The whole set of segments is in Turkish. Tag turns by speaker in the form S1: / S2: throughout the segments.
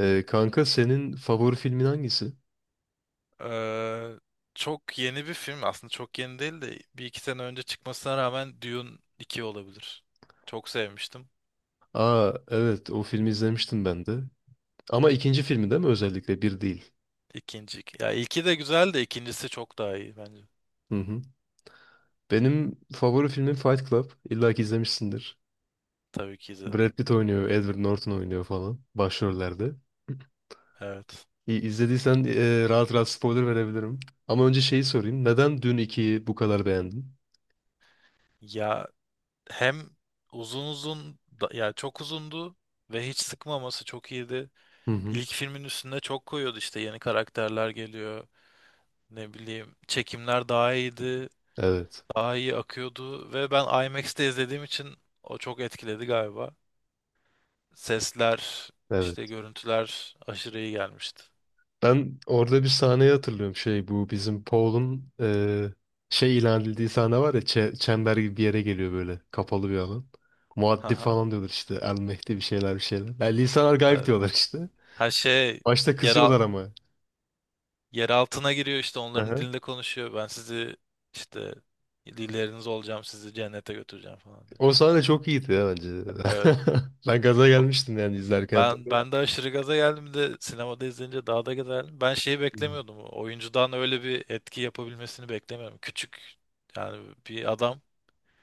S1: Kanka senin favori filmin hangisi?
S2: Ee, Çok yeni bir film. Aslında çok yeni değil de bir iki sene önce çıkmasına rağmen Dune iki olabilir. Çok sevmiştim.
S1: Aa, evet o filmi izlemiştim ben de. Ama ikinci filmi değil mi özellikle, bir değil.
S2: İkinci. Ya ilki de güzel de ikincisi çok daha iyi bence.
S1: Hı hı. Benim favori filmim Fight Club. İlla ki izlemişsindir.
S2: Tabii ki izledim.
S1: Brad Pitt oynuyor, Edward Norton oynuyor falan başrollerde.
S2: Evet.
S1: İzlediysen, rahat rahat spoiler verebilirim. Ama önce şeyi sorayım. Neden dün 2'yi bu kadar beğendin?
S2: Ya hem uzun uzun ya çok uzundu ve hiç sıkmaması çok iyiydi.
S1: Hı hı.
S2: İlk filmin üstüne çok koyuyordu, işte yeni karakterler geliyor. Ne bileyim, çekimler daha iyiydi.
S1: Evet.
S2: Daha iyi akıyordu ve ben IMAX'te izlediğim için o çok etkiledi galiba. Sesler,
S1: Evet.
S2: işte görüntüler aşırı iyi gelmişti.
S1: Ben orada bir sahneyi hatırlıyorum. Şey, bu bizim Paul'un şey ilan edildiği sahne var ya, çember gibi bir yere geliyor, böyle kapalı bir alan. Muaddi
S2: Haha.
S1: falan diyorlar işte, El Mehdi, bir şeyler bir şeyler. Yani lisanlar gayb
S2: Evet.
S1: diyorlar işte.
S2: Her şey
S1: Başta
S2: yer, al-
S1: kızıyorlar ama.
S2: yer altına giriyor, işte onların
S1: Aha.
S2: dilinde konuşuyor. Ben sizi işte dilleriniz olacağım, sizi cennete götüreceğim falan diye.
S1: O sahne çok iyiydi ya bence.
S2: Evet.
S1: Ben gaza
S2: O-
S1: gelmiştim yani, izlerken
S2: Ben
S1: hatırlıyorum.
S2: ben de aşırı gaza geldim, bir de sinemada izleyince daha da gaza geldim. Ben şeyi
S1: Hmm.
S2: beklemiyordum. Oyuncudan öyle bir etki yapabilmesini beklemiyorum. Küçük yani bir adam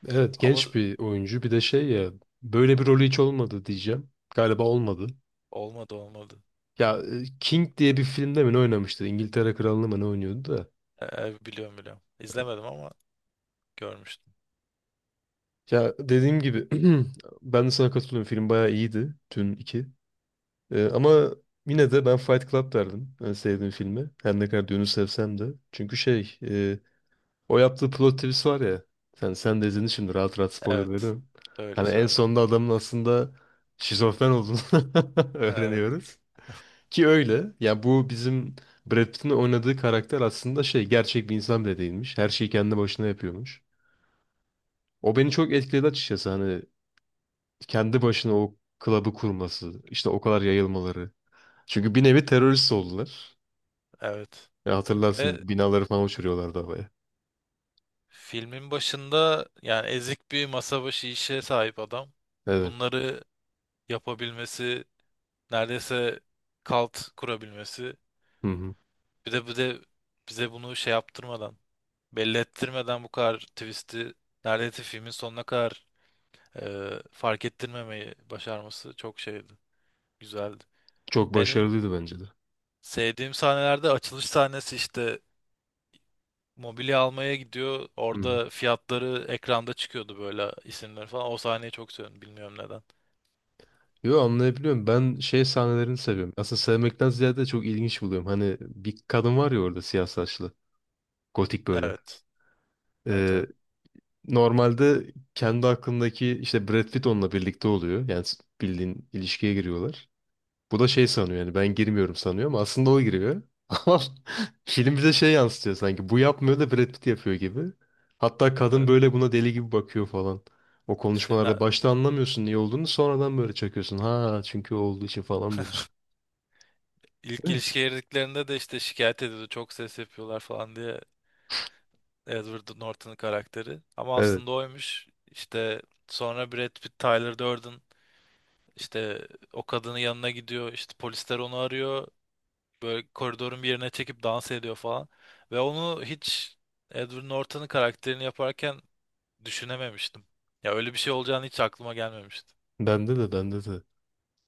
S1: Evet,
S2: ama
S1: genç bir oyuncu, bir de şey ya, böyle bir rolü hiç olmadı diyeceğim. Galiba olmadı.
S2: olmadı olmadı.
S1: Ya, King diye bir filmde mi ne oynamıştı? İngiltere Kralı'nı mı ne oynuyordu da.
S2: Biliyorum biliyorum. İzlemedim ama görmüştüm.
S1: Ya dediğim gibi, ben de sana katılıyorum. Film bayağı iyiydi, Dün iki. Ama yine de ben Fight Club derdim. Yani sevdiğim filmi, her ne kadar Dün'ü sevsem de. Çünkü şey, o yaptığı plot twist var ya. Sen de izledin, şimdi rahat rahat spoiler
S2: Evet.
S1: veriyorum.
S2: Öyle
S1: Hani en
S2: söyle.
S1: sonunda adamın aslında şizofren olduğunu
S2: Evet,
S1: öğreniyoruz. Ki öyle. Ya bu bizim Brad Pitt'in oynadığı karakter aslında şey, gerçek bir insan bile değilmiş. Her şeyi kendi başına yapıyormuş. O beni çok etkiledi açıkçası. Hani kendi başına o klabı kurması, işte o kadar yayılmaları. Çünkü bir nevi terörist oldular.
S2: evet.
S1: Ya hatırlarsın,
S2: Ve
S1: binaları falan uçuruyorlardı havaya.
S2: filmin başında yani ezik bir masa başı işe sahip adam.
S1: Evet.
S2: Bunları yapabilmesi, neredeyse kalt kurabilmesi.
S1: Hı hı.
S2: Bir de bize bunu şey yaptırmadan, belli ettirmeden bu kadar twist'i neredeyse filmin sonuna kadar fark ettirmemeyi başarması çok şeydi. Güzeldi.
S1: Çok
S2: Benim
S1: başarılıydı bence de.
S2: sevdiğim sahnelerde açılış sahnesi, işte mobilya almaya gidiyor.
S1: Hı hı.
S2: Orada fiyatları ekranda çıkıyordu, böyle isimler falan. O sahneyi çok seviyorum. Bilmiyorum neden.
S1: Yo, anlayabiliyorum. Ben şey sahnelerini seviyorum. Aslında sevmekten ziyade çok ilginç buluyorum. Hani bir kadın var ya orada, siyah saçlı. Gotik böyle.
S2: Evet. Evet,
S1: Ee,
S2: evet.
S1: Normalde kendi aklındaki işte Brad Pitt onunla birlikte oluyor. Yani bildiğin ilişkiye giriyorlar. Bu da şey sanıyor, yani ben girmiyorum sanıyor, ama aslında o giriyor. Ama film bize şey yansıtıyor, sanki bu yapmıyor da Brad Pitt yapıyor gibi. Hatta kadın
S2: Evet.
S1: böyle buna deli gibi bakıyor falan. O
S2: İşte
S1: konuşmalarda başta anlamıyorsun niye olduğunu, sonradan böyle çakıyorsun. Ha, çünkü o olduğu için falan diyorsun.
S2: ilk
S1: Değil mi?
S2: ilişkiye girdiklerinde de işte şikayet ediyordu. Çok ses yapıyorlar falan diye, Edward Norton'un karakteri. Ama
S1: Evet.
S2: aslında oymuş. İşte sonra Brad Pitt, Tyler Durden, işte o kadının yanına gidiyor. İşte polisler onu arıyor. Böyle koridorun bir yerine çekip dans ediyor falan. Ve onu hiç Edward Norton'un karakterini yaparken düşünememiştim. Ya öyle bir şey olacağını hiç aklıma gelmemişti.
S1: Bende de, bende de.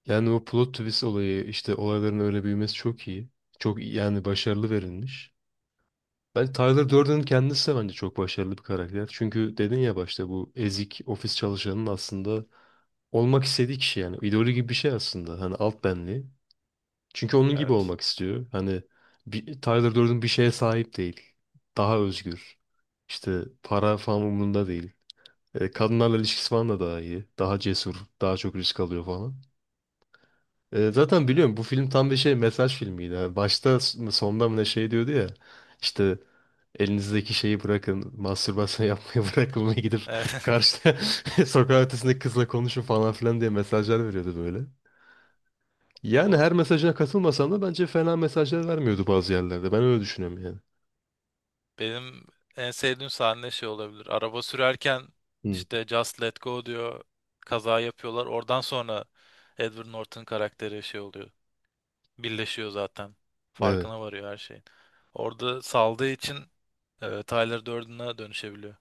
S1: Yani o plot twist olayı, işte olayların öyle büyümesi çok iyi. Yani başarılı verilmiş. Ben Tyler Durden'ın kendisi de bence çok başarılı bir karakter. Çünkü dedin ya, başta bu ezik ofis çalışanının aslında olmak istediği kişi yani. İdolü gibi bir şey aslında. Hani alt benliği. Çünkü onun gibi
S2: Evet.
S1: olmak istiyor. Hani Tyler Durden bir şeye sahip değil. Daha özgür. İşte para falan umurunda değil. Kadınlarla ilişkisi falan da daha iyi. Daha cesur. Daha çok risk alıyor falan. Zaten biliyorum, bu film tam bir şey, mesaj filmiydi. Yani başta mı sonda mı ne şey diyordu ya. İşte elinizdeki şeyi bırakın. Mastürbasyon yapmaya bırakın ve gidip
S2: Evet.
S1: karşıda, sokak ötesindeki kızla konuşun falan filan diye mesajlar veriyordu böyle. Yani
S2: O
S1: her mesajına katılmasam da bence fena mesajlar vermiyordu bazı yerlerde. Ben öyle düşünüyorum yani.
S2: benim en sevdiğim sahne şey olabilir. Araba sürerken
S1: Hı.
S2: işte Just Let Go diyor. Kaza yapıyorlar. Oradan sonra Edward Norton karakteri şey oluyor. Birleşiyor zaten.
S1: Evet.
S2: Farkına varıyor her şeyin. Orada saldığı için Tyler Durden'a dönüşebiliyor.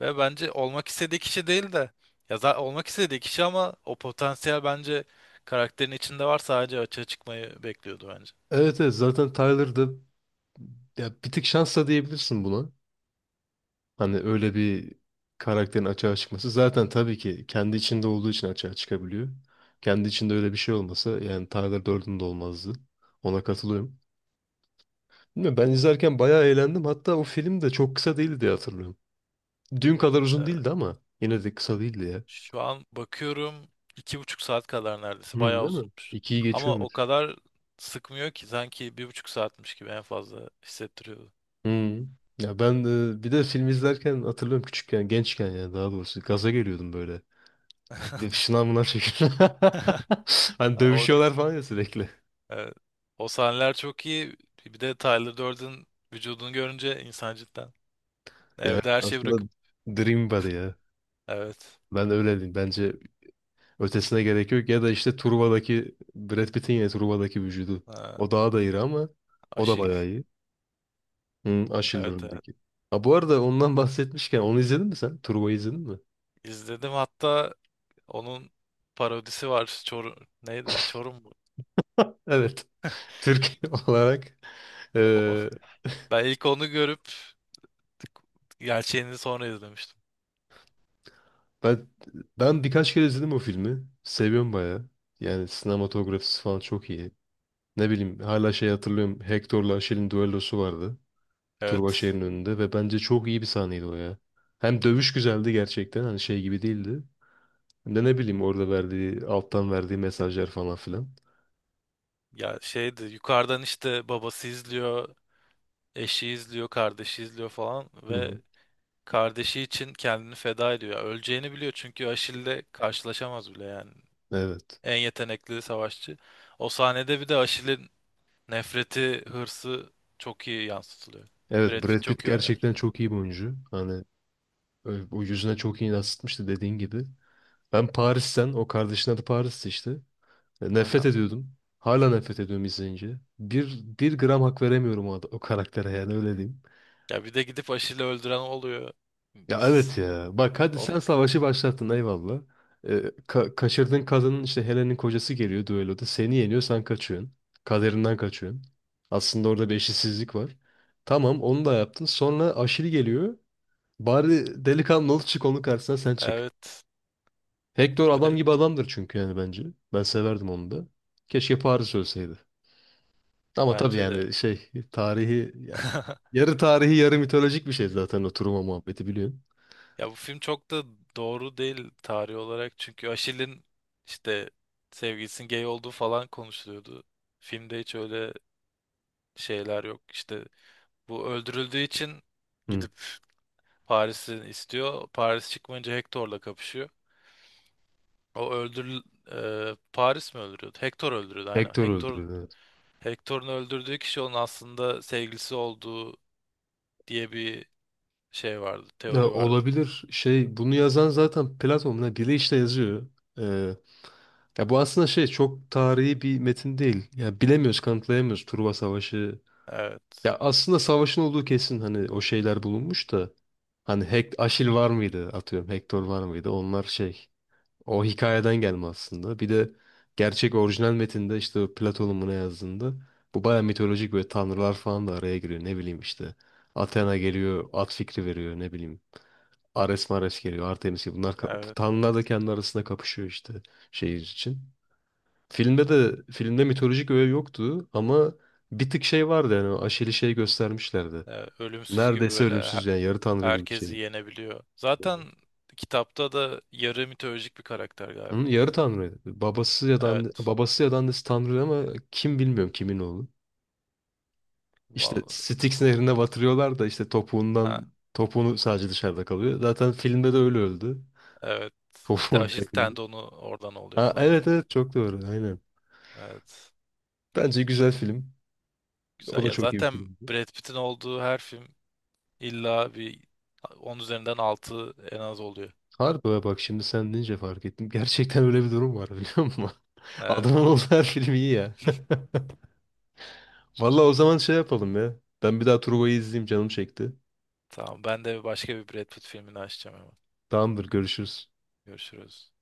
S2: Ve bence olmak istediği kişi değil de ya olmak istediği kişi ama o potansiyel bence karakterin içinde var, sadece açığa çıkmayı bekliyordu bence.
S1: Evet, evet, zaten Tyler'da, ya bir tık şansla diyebilirsin buna. Hani öyle bir karakterin açığa çıkması. Zaten tabii ki kendi içinde olduğu için açığa çıkabiliyor. Kendi içinde öyle bir şey olmasa yani Tyler Durden de olmazdı. Ona katılıyorum. Bilmiyorum, ben izlerken bayağı eğlendim. Hatta o film de çok kısa değildi diye hatırlıyorum. Dün kadar uzun
S2: Ee,
S1: değildi ama yine de kısa değildi ya.
S2: şu an bakıyorum 2,5 saat kadar,
S1: Hı,
S2: neredeyse bayağı
S1: değil mi?
S2: uzunmuş.
S1: İkiyi geçiyor.
S2: Ama o kadar sıkmıyor ki sanki 1,5 saatmiş gibi en fazla hissettiriyordu.
S1: Hmm. Ya ben, bir de film izlerken hatırlıyorum, küçükken, gençken ya, daha doğrusu gaza geliyordum böyle. Gidip şınav mınav çekip. Hani
S2: Yani o,
S1: dövüşüyorlar falan ya sürekli.
S2: evet, o sahneler çok iyi. Bir de Tyler Durden vücudunu görünce insan cidden
S1: Ya evet,
S2: evde her şeyi
S1: aslında
S2: bırakıp
S1: Dream Body ya.
S2: evet.
S1: Ben öyle diyeyim. Bence ötesine gerek yok. Ya da işte Truva'daki Brad Pitt'in, ya Truva'daki vücudu.
S2: Ha,
S1: O daha da iri, ama o da
S2: Aşil.
S1: bayağı iyi. Hı, Aşil
S2: Evet, evet.
S1: rolündeki. Ha, bu arada ondan bahsetmişken, onu izledin mi sen? Truva'yı izledin mi?
S2: İzledim, hatta onun parodisi var. Çorum neydi? Çorum mu?
S1: Evet. Türk olarak
S2: O-
S1: e,
S2: Ben ilk onu görüp gerçeğini sonra izlemiştim.
S1: Ben ben birkaç kere izledim o filmi. Seviyorum bayağı. Yani sinematografisi falan çok iyi. Ne bileyim, hala şey hatırlıyorum. Hector'la Aşil'in düellosu vardı.
S2: Evet.
S1: Turbaşehir'in önünde, ve bence çok iyi bir sahneydi o ya. Hem dövüş güzeldi gerçekten, hani şey gibi değildi. Hem de ne bileyim, orada verdiği, alttan verdiği mesajlar falan filan.
S2: Ya şeydi, yukarıdan işte babası izliyor, eşi izliyor, kardeşi izliyor falan
S1: Hı
S2: ve
S1: hı.
S2: kardeşi için kendini feda ediyor. Ya öleceğini biliyor çünkü Aşil'le karşılaşamaz bile yani.
S1: Evet.
S2: En yetenekli savaşçı. O sahnede bir de Aşil'in nefreti, hırsı çok iyi yansıtılıyor. Brad
S1: Evet, Brad
S2: Pitt
S1: Pitt
S2: çok iyi oynamış.
S1: gerçekten çok iyi bir oyuncu. Hani o yüzüne çok iyi yansıtmıştı dediğin gibi. Ben Paris'ten, o kardeşin adı Paris'ti işte. Nefret ediyordum. Hala nefret ediyorum izleyince. Bir gram hak veremiyorum o karaktere, yani öyle diyeyim.
S2: Ya bir de gidip aşıyla öldüren oluyor.
S1: Ya evet ya. Bak, hadi
S2: O,
S1: sen savaşı başlattın, eyvallah. Ee, kaçırdığın kadının, işte Helen'in kocası geliyor düelloda. Seni yeniyor, sen kaçıyorsun. Kaderinden kaçıyorsun. Aslında orada bir eşitsizlik var. Tamam, onu da yaptın. Sonra Aşil geliyor. Bari delikanlı ol, çık onun karşısına, sen çık.
S2: evet
S1: Hector adam
S2: ve
S1: gibi adamdır çünkü, yani bence. Ben severdim onu da. Keşke Paris ölseydi. Ama tabii,
S2: bence de.
S1: yani şey, tarihi yani, yarı tarihi yarı mitolojik bir şey zaten o Truman muhabbeti, biliyorsun.
S2: Ya bu film çok da doğru değil tarih olarak, çünkü Aşil'in işte sevgilisinin gay olduğu falan konuşuluyordu. Filmde hiç öyle şeyler yok. İşte bu öldürüldüğü için
S1: Hı.
S2: gidip Paris'i istiyor. Paris çıkmayınca Hector'la kapışıyor. O öldür Paris mi öldürüyordu? Hector öldürüyordu aynen.
S1: Hector
S2: Hector
S1: öldürüldü. Evet.
S2: Hector'un öldürdüğü kişi onun aslında sevgilisi olduğu diye bir şey vardı,
S1: Ya
S2: teori vardı.
S1: olabilir, şey, bunu yazan zaten Platon ne bile işte yazıyor. Ee, Ya bu aslında şey, çok tarihi bir metin değil. Ya bilemiyoruz, kanıtlayamıyoruz, Truva Savaşı. Ya
S2: Evet,
S1: aslında savaşın olduğu kesin, hani o şeyler bulunmuş da, hani Aşil var mıydı, atıyorum Hektor var mıydı, onlar şey. O hikayeden gelme aslında. Bir de gerçek orijinal metinde, işte o Platon'un buna yazdığında, bu baya mitolojik, böyle tanrılar falan da araya giriyor. Ne bileyim işte, Athena geliyor, at fikri veriyor, ne bileyim. Ares Mares geliyor, Artemis gibi. Bunlar,
S2: evet,
S1: tanrılar da kendi arasında kapışıyor işte, şehir için. Filmde mitolojik öğe yoktu ama bir tık şey vardı, yani o Aşil'i şey göstermişlerdi.
S2: evet. Ölümsüz gibi,
S1: Neredeyse
S2: böyle
S1: ölümsüz yani, yarı tanrı gibi bir
S2: herkesi
S1: şey.
S2: yenebiliyor. Zaten kitapta da yarı mitolojik bir karakter galiba.
S1: Onun yarı tanrıydı. Babası ya da
S2: Evet,
S1: babası ya da annesi tanrı, ama kim, bilmiyorum kimin oğlu. İşte
S2: vallahi.
S1: Styx nehrine batırıyorlar da, işte
S2: Ha,
S1: topuğundan, topuğunu sadece dışarıda kalıyor. Zaten filmde de öyle öldü.
S2: evet. İşte
S1: Topuğundan
S2: Achilles
S1: yakında.
S2: tendonu oradan oluyor
S1: Ha,
S2: falan.
S1: evet evet, çok doğru, aynen.
S2: Evet,
S1: Bence güzel film. O
S2: güzel.
S1: da
S2: Ya
S1: çok iyi bir
S2: zaten
S1: filmdi.
S2: Brad Pitt'in olduğu her film illa bir 10 üzerinden 6 en az oluyor.
S1: Harbi ha, bak şimdi sen deyince fark ettim. Gerçekten öyle bir durum var biliyor musun?
S2: Evet,
S1: Adamın olduğu her film iyi ya. Valla o zaman şey yapalım ya. Ben bir daha Truva'yı izleyeyim, canım çekti.
S2: tamam. Ben de başka bir Brad Pitt filmini açacağım hemen.
S1: Tamamdır, görüşürüz.
S2: Görüşürüz.